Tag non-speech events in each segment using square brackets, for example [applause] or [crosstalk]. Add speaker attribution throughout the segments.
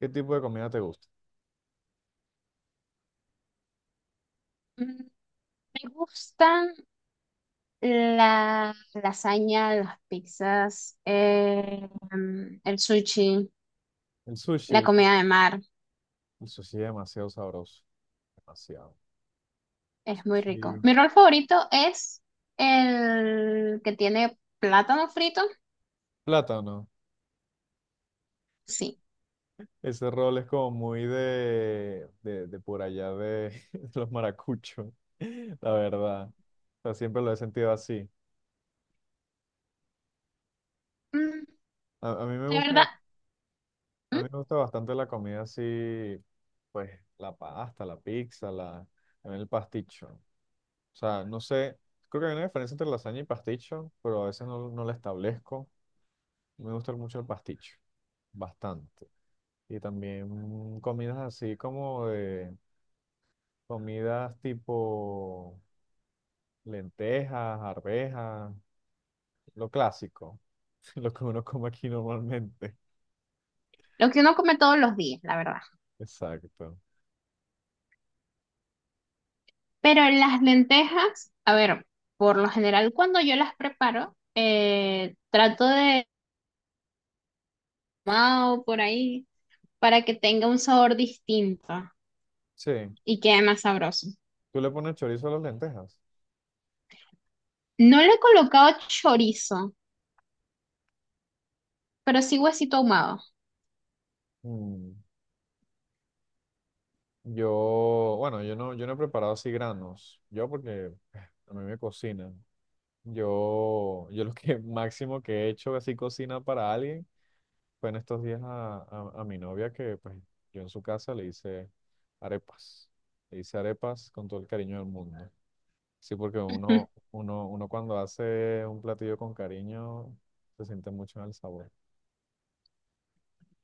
Speaker 1: ¿Qué tipo de comida te gusta?
Speaker 2: Mm, Me gustan la lasaña, las pizzas, el sushi,
Speaker 1: El sushi,
Speaker 2: la
Speaker 1: el,
Speaker 2: comida de mar.
Speaker 1: el sushi es demasiado sabroso, demasiado.
Speaker 2: Es muy rico.
Speaker 1: Sushi.
Speaker 2: Mi rol favorito es el que tiene plátano frito.
Speaker 1: Plátano.
Speaker 2: Sí.
Speaker 1: Ese rol es como muy de por allá de, [laughs] de los maracuchos, [laughs] la verdad. O sea, siempre lo he sentido así.
Speaker 2: Mm,
Speaker 1: A mí me
Speaker 2: la
Speaker 1: gusta,
Speaker 2: verdad,
Speaker 1: a
Speaker 2: mm,
Speaker 1: mí me gusta bastante la comida así, pues la pasta, la pizza, la, también el pasticho. O sea, no sé, creo que hay una diferencia entre lasaña y pasticho, pero a veces no, no la establezco. Me gusta mucho el pasticho, bastante. Y también comidas así como de comidas tipo lentejas, arvejas, lo clásico, [laughs] lo que uno come aquí normalmente.
Speaker 2: lo que uno come todos los días, la verdad.
Speaker 1: Exacto.
Speaker 2: Pero las lentejas, a ver, por lo general cuando yo las preparo, trato de mao por ahí para que tenga un sabor distinto.
Speaker 1: Sí,
Speaker 2: Y quede más sabroso.
Speaker 1: tú le pones chorizo a las lentejas.
Speaker 2: No le he colocado chorizo, pero sí huesito ahumado.
Speaker 1: Mm. Yo, bueno, yo no, yo no he preparado así granos. Yo porque a mí me cocinan. Yo lo que [laughs] máximo que he hecho así cocina para alguien fue en estos días a mi novia que pues yo en su casa le hice arepas. Le hice arepas con todo el cariño del mundo. Sí, porque uno,
Speaker 2: [laughs]
Speaker 1: uno, uno cuando hace un platillo con cariño se siente mucho en el sabor.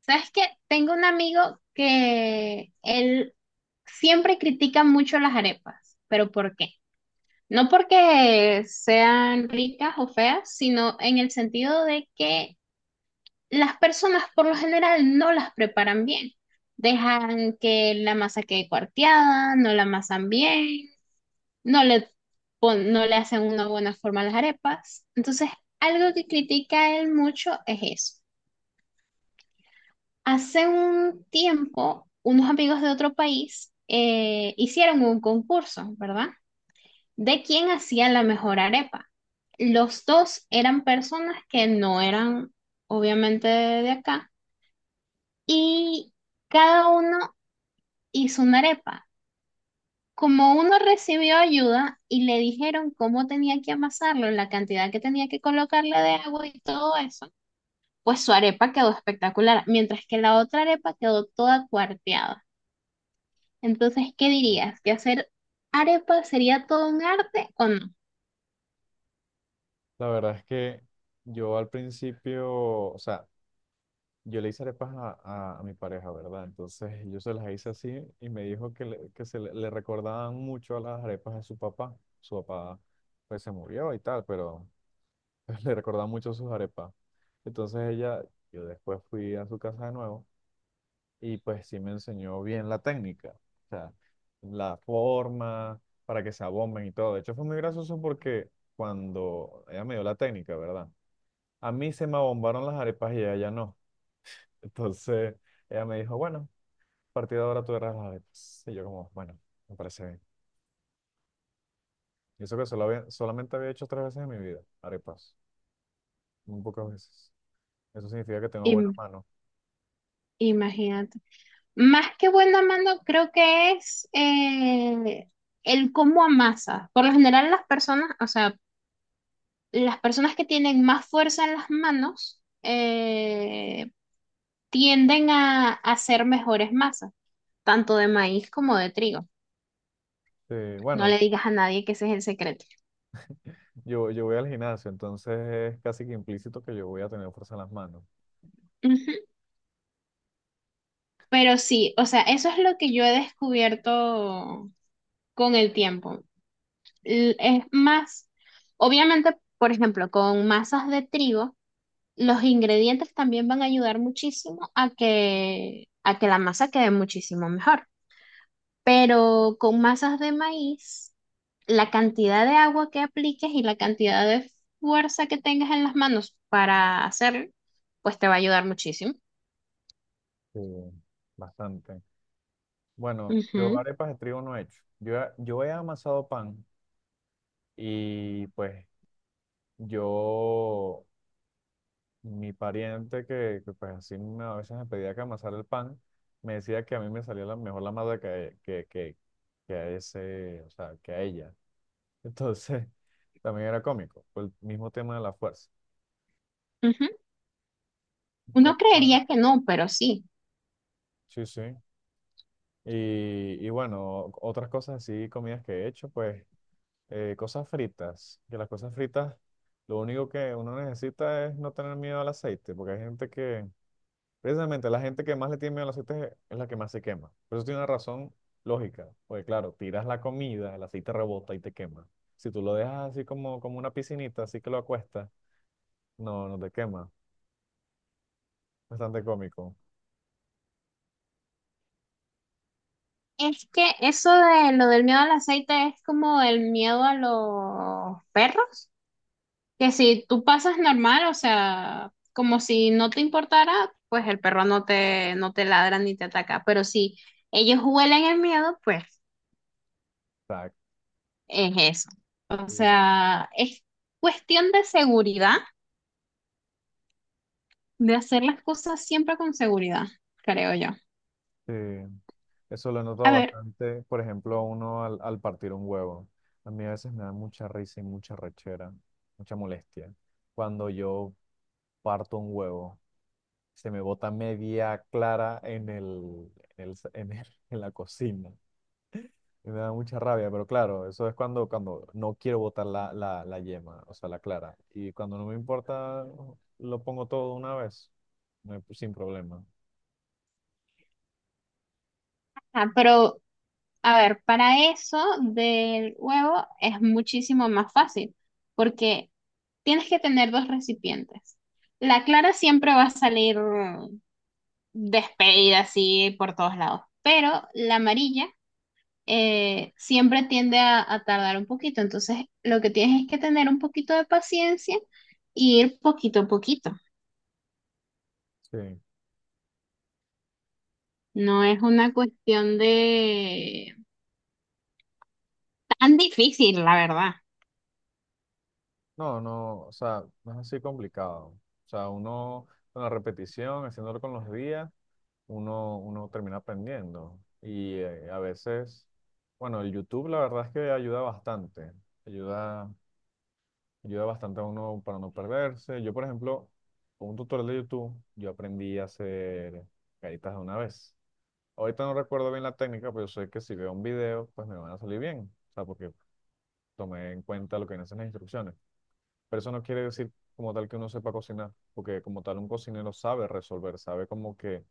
Speaker 2: ¿Sabes qué? Tengo un amigo que él siempre critica mucho las arepas, pero ¿por qué? No porque sean ricas o feas, sino en el sentido de que las personas por lo general no las preparan bien. Dejan que la masa quede cuarteada, no la amasan bien, no le, no le hacen una buena forma a las arepas. Entonces, algo que critica él mucho es eso. Hace un tiempo, unos amigos de otro país hicieron un concurso, ¿verdad? De quién hacía la mejor arepa. Los dos eran personas que no eran, obviamente, de acá, y cada uno hizo una arepa. Como uno recibió ayuda y le dijeron cómo tenía que amasarlo, la cantidad que tenía que colocarle de agua y todo eso, pues su arepa quedó espectacular, mientras que la otra arepa quedó toda cuarteada. Entonces, ¿qué dirías? ¿Que hacer arepa sería todo un arte o no?
Speaker 1: La verdad es que yo al principio, o sea, yo le hice arepas a mi pareja, ¿verdad? Entonces yo se las hice así y me dijo que, le recordaban mucho a las arepas de su papá. Su papá pues se murió y tal, pero [laughs] le recordaba mucho sus arepas. Entonces ella, yo después fui a su casa de nuevo y pues sí me enseñó bien la técnica, o sea, la forma para que se abomben y todo. De hecho fue muy gracioso porque cuando ella me dio la técnica, ¿verdad? A mí se me abombaron las arepas y a ella no. [laughs] Entonces ella me dijo, bueno, a partir de ahora tú eras las arepas. Y yo como, bueno, me parece bien. Y eso que solamente había hecho 3 veces en mi vida, arepas, muy pocas veces. Eso significa que tengo buena
Speaker 2: Im-
Speaker 1: mano.
Speaker 2: imagínate. Más que buena mano, creo que es el cómo amasas. Por lo general, las personas, o sea, las personas que tienen más fuerza en las manos, tienden a hacer mejores masas, tanto de maíz como de trigo.
Speaker 1: Sí,
Speaker 2: No
Speaker 1: bueno.
Speaker 2: le digas a nadie que ese es el secreto.
Speaker 1: Yo voy al gimnasio, entonces es casi que implícito que yo voy a tener fuerza en las manos.
Speaker 2: Ujú. Pero sí, o sea, eso es lo que yo he descubierto con el tiempo. Es más, obviamente, por ejemplo, con masas de trigo, los ingredientes también van a ayudar muchísimo a que la masa quede muchísimo mejor. Pero con masas de maíz la cantidad de agua que apliques y la cantidad de fuerza que tengas en las manos para hacerlo, pues te va a ayudar muchísimo.
Speaker 1: Sí, bastante. Bueno, yo
Speaker 2: Ujú,
Speaker 1: arepas de trigo no he hecho. Yo he amasado pan y pues yo, mi pariente pues así a veces me pedía que amasara el pan, me decía que a mí me salía la, mejor la masa que a ese, o sea, que a ella. Entonces, [laughs] también era cómico, por el mismo tema de la fuerza.
Speaker 2: ujú.
Speaker 1: Con
Speaker 2: Uno
Speaker 1: pan,
Speaker 2: creería que no, pero sí.
Speaker 1: sí, sí. Y bueno, otras cosas así, comidas que he hecho, pues cosas fritas, que las cosas fritas, lo único que uno necesita es no tener miedo al aceite, porque hay gente que, precisamente la gente que más le tiene miedo al aceite es la que más se quema. Pero eso tiene una razón lógica, porque claro, tiras la comida, el aceite rebota y te quema. Si tú lo dejas así como, como una piscinita, así que lo acuestas, no, no te quema. Bastante cómico.
Speaker 2: Es que eso de lo del miedo al aceite es como el miedo a los perros, que si tú pasas normal, o sea, como si no te importara, pues el perro no te ladra ni te ataca, pero si ellos huelen el miedo, pues
Speaker 1: Exacto.
Speaker 2: es eso. O sea, es cuestión de seguridad, de hacer las cosas siempre con seguridad, creo yo.
Speaker 1: Sí, eso lo he
Speaker 2: A
Speaker 1: notado
Speaker 2: ver,
Speaker 1: bastante, por ejemplo, uno al, al partir un huevo. A mí a veces me da mucha risa y mucha rechera, mucha molestia. Cuando yo parto un huevo, se me bota media clara [laughs] en la cocina. Y me da mucha rabia, pero claro, eso es cuando, cuando no quiero botar la yema, o sea, la clara. Y cuando no me importa, lo pongo todo de una vez, sin problema.
Speaker 2: ah, pero, a ver, para eso del huevo es muchísimo más fácil, porque tienes que tener dos recipientes. La clara siempre va a salir despedida así por todos lados, pero la amarilla siempre tiende a tardar un poquito. Entonces, lo que tienes es que tener un poquito de paciencia y ir poquito a poquito.
Speaker 1: Sí.
Speaker 2: No es una cuestión de tan difícil, la verdad.
Speaker 1: No, no, o sea, no es así complicado. O sea, uno con la repetición, haciéndolo con los días, uno termina aprendiendo. Y a veces, bueno, el YouTube la verdad es que ayuda bastante. Ayuda, ayuda bastante a uno para no perderse. Yo, por ejemplo, con un tutorial de YouTube, yo aprendí a hacer caritas de una vez. Ahorita no recuerdo bien la técnica, pero yo sé que si veo un video, pues me van a salir bien. O sea, porque tomé en cuenta lo que dicen las instrucciones. Pero eso no quiere decir como tal que uno sepa cocinar, porque como tal un cocinero sabe resolver, sabe como que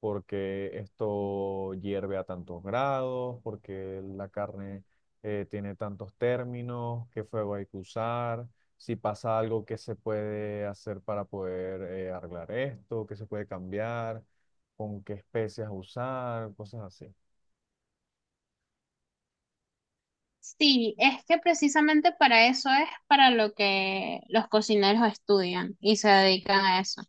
Speaker 1: porque esto hierve a tantos grados, porque la carne tiene tantos términos, qué fuego hay que usar, si pasa algo que se puede hacer para poder arreglar esto, qué se puede cambiar, con qué especias usar, cosas así.
Speaker 2: Sí, es que precisamente para eso es para lo que los cocineros estudian y se dedican a eso.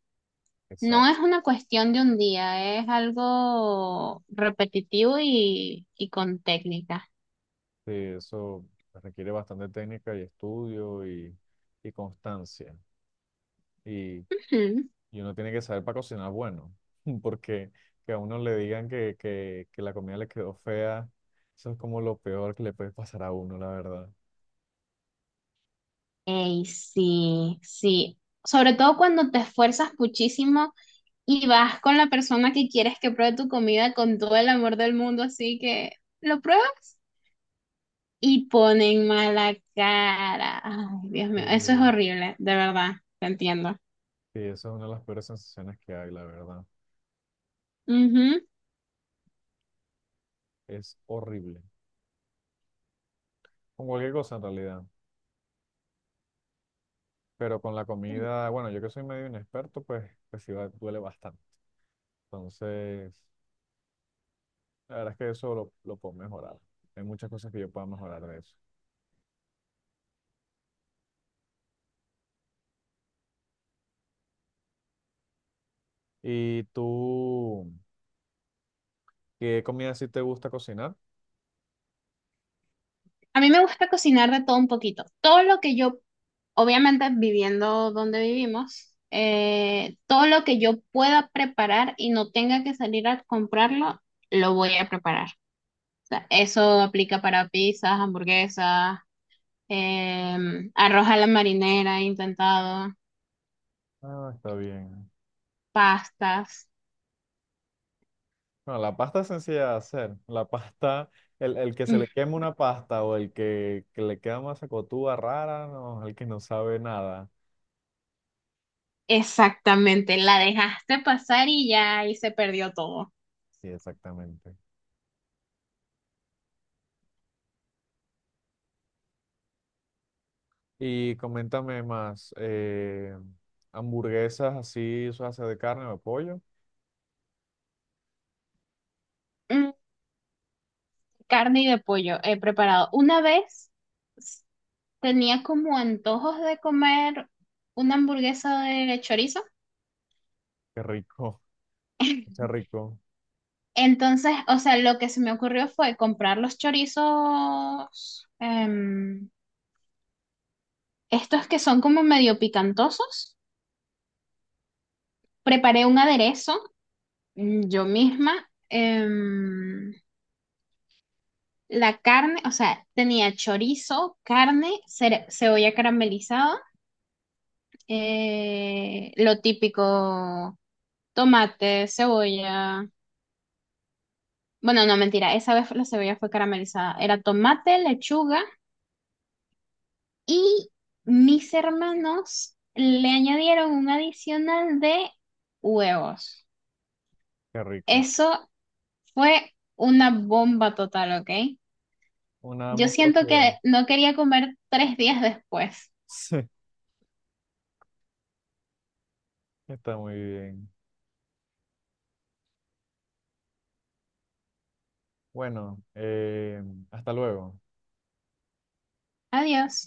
Speaker 2: No
Speaker 1: Exacto.
Speaker 2: es una cuestión de un día, es algo repetitivo y con técnica.
Speaker 1: Sí, eso requiere bastante técnica y estudio y constancia y
Speaker 2: Ujú.
Speaker 1: Y uno tiene que saber para cocinar bueno, [laughs] porque que a uno le digan que la comida le quedó fea, eso es como lo peor que le puede pasar a uno, la verdad.
Speaker 2: Ey, sí, sí. Sobre todo cuando te esfuerzas muchísimo y vas con la persona que quieres que pruebe tu comida con todo el amor del mundo, así que lo pruebas y ponen mala cara. Ay, Dios mío, eso es
Speaker 1: Sí.
Speaker 2: horrible, de verdad, te entiendo.
Speaker 1: Sí, eso es una de las peores sensaciones que hay, la verdad.
Speaker 2: Ujú.
Speaker 1: Es horrible. Con cualquier cosa en realidad. Pero con la comida, bueno, yo que soy medio inexperto, pues, duele bastante. Entonces, la verdad es que eso lo puedo mejorar. Hay muchas cosas que yo puedo mejorar de eso. ¿Y tú, qué comida sí te gusta cocinar?
Speaker 2: A mí me gusta cocinar de todo un poquito. Todo lo que yo, obviamente viviendo donde vivimos, todo lo que yo pueda preparar y no tenga que salir a comprarlo, lo voy a preparar. Sea, eso aplica para pizzas, hamburguesas, arroz a la marinera, he intentado,
Speaker 1: Ah, está bien.
Speaker 2: pastas.
Speaker 1: No, la pasta es sencilla de hacer. La pasta, el que se
Speaker 2: Mm,
Speaker 1: le quema una pasta o que le queda una sacotúa rara, no, el que no sabe nada.
Speaker 2: Exactamente, la dejaste pasar y ya ahí se perdió todo.
Speaker 1: Sí, exactamente. Y coméntame más, hamburguesas así, o sea, de carne o de pollo.
Speaker 2: Mm, Carne y de pollo he preparado. Una vez tenía como antojos de comer una hamburguesa de chorizo.
Speaker 1: Qué rico, [laughs] qué
Speaker 2: [laughs]
Speaker 1: rico,
Speaker 2: Entonces, o sea, lo que se me ocurrió fue comprar los chorizos, estos que son como medio picantosos. Preparé un aderezo, yo misma. em, la carne, o sea, tenía chorizo, carne, cebolla caramelizada, lo típico, tomate, cebolla. Bueno, no, mentira, esa vez la cebolla fue caramelizada. Era tomate, lechuga y mis hermanos le añadieron un adicional de huevos.
Speaker 1: qué rico.
Speaker 2: Eso fue una bomba total, ¿ok?
Speaker 1: Una
Speaker 2: Yo siento
Speaker 1: monstruosidad.
Speaker 2: que no quería comer 3 días después.
Speaker 1: [laughs] Sí, está muy bien. Bueno, hasta luego.
Speaker 2: Adiós.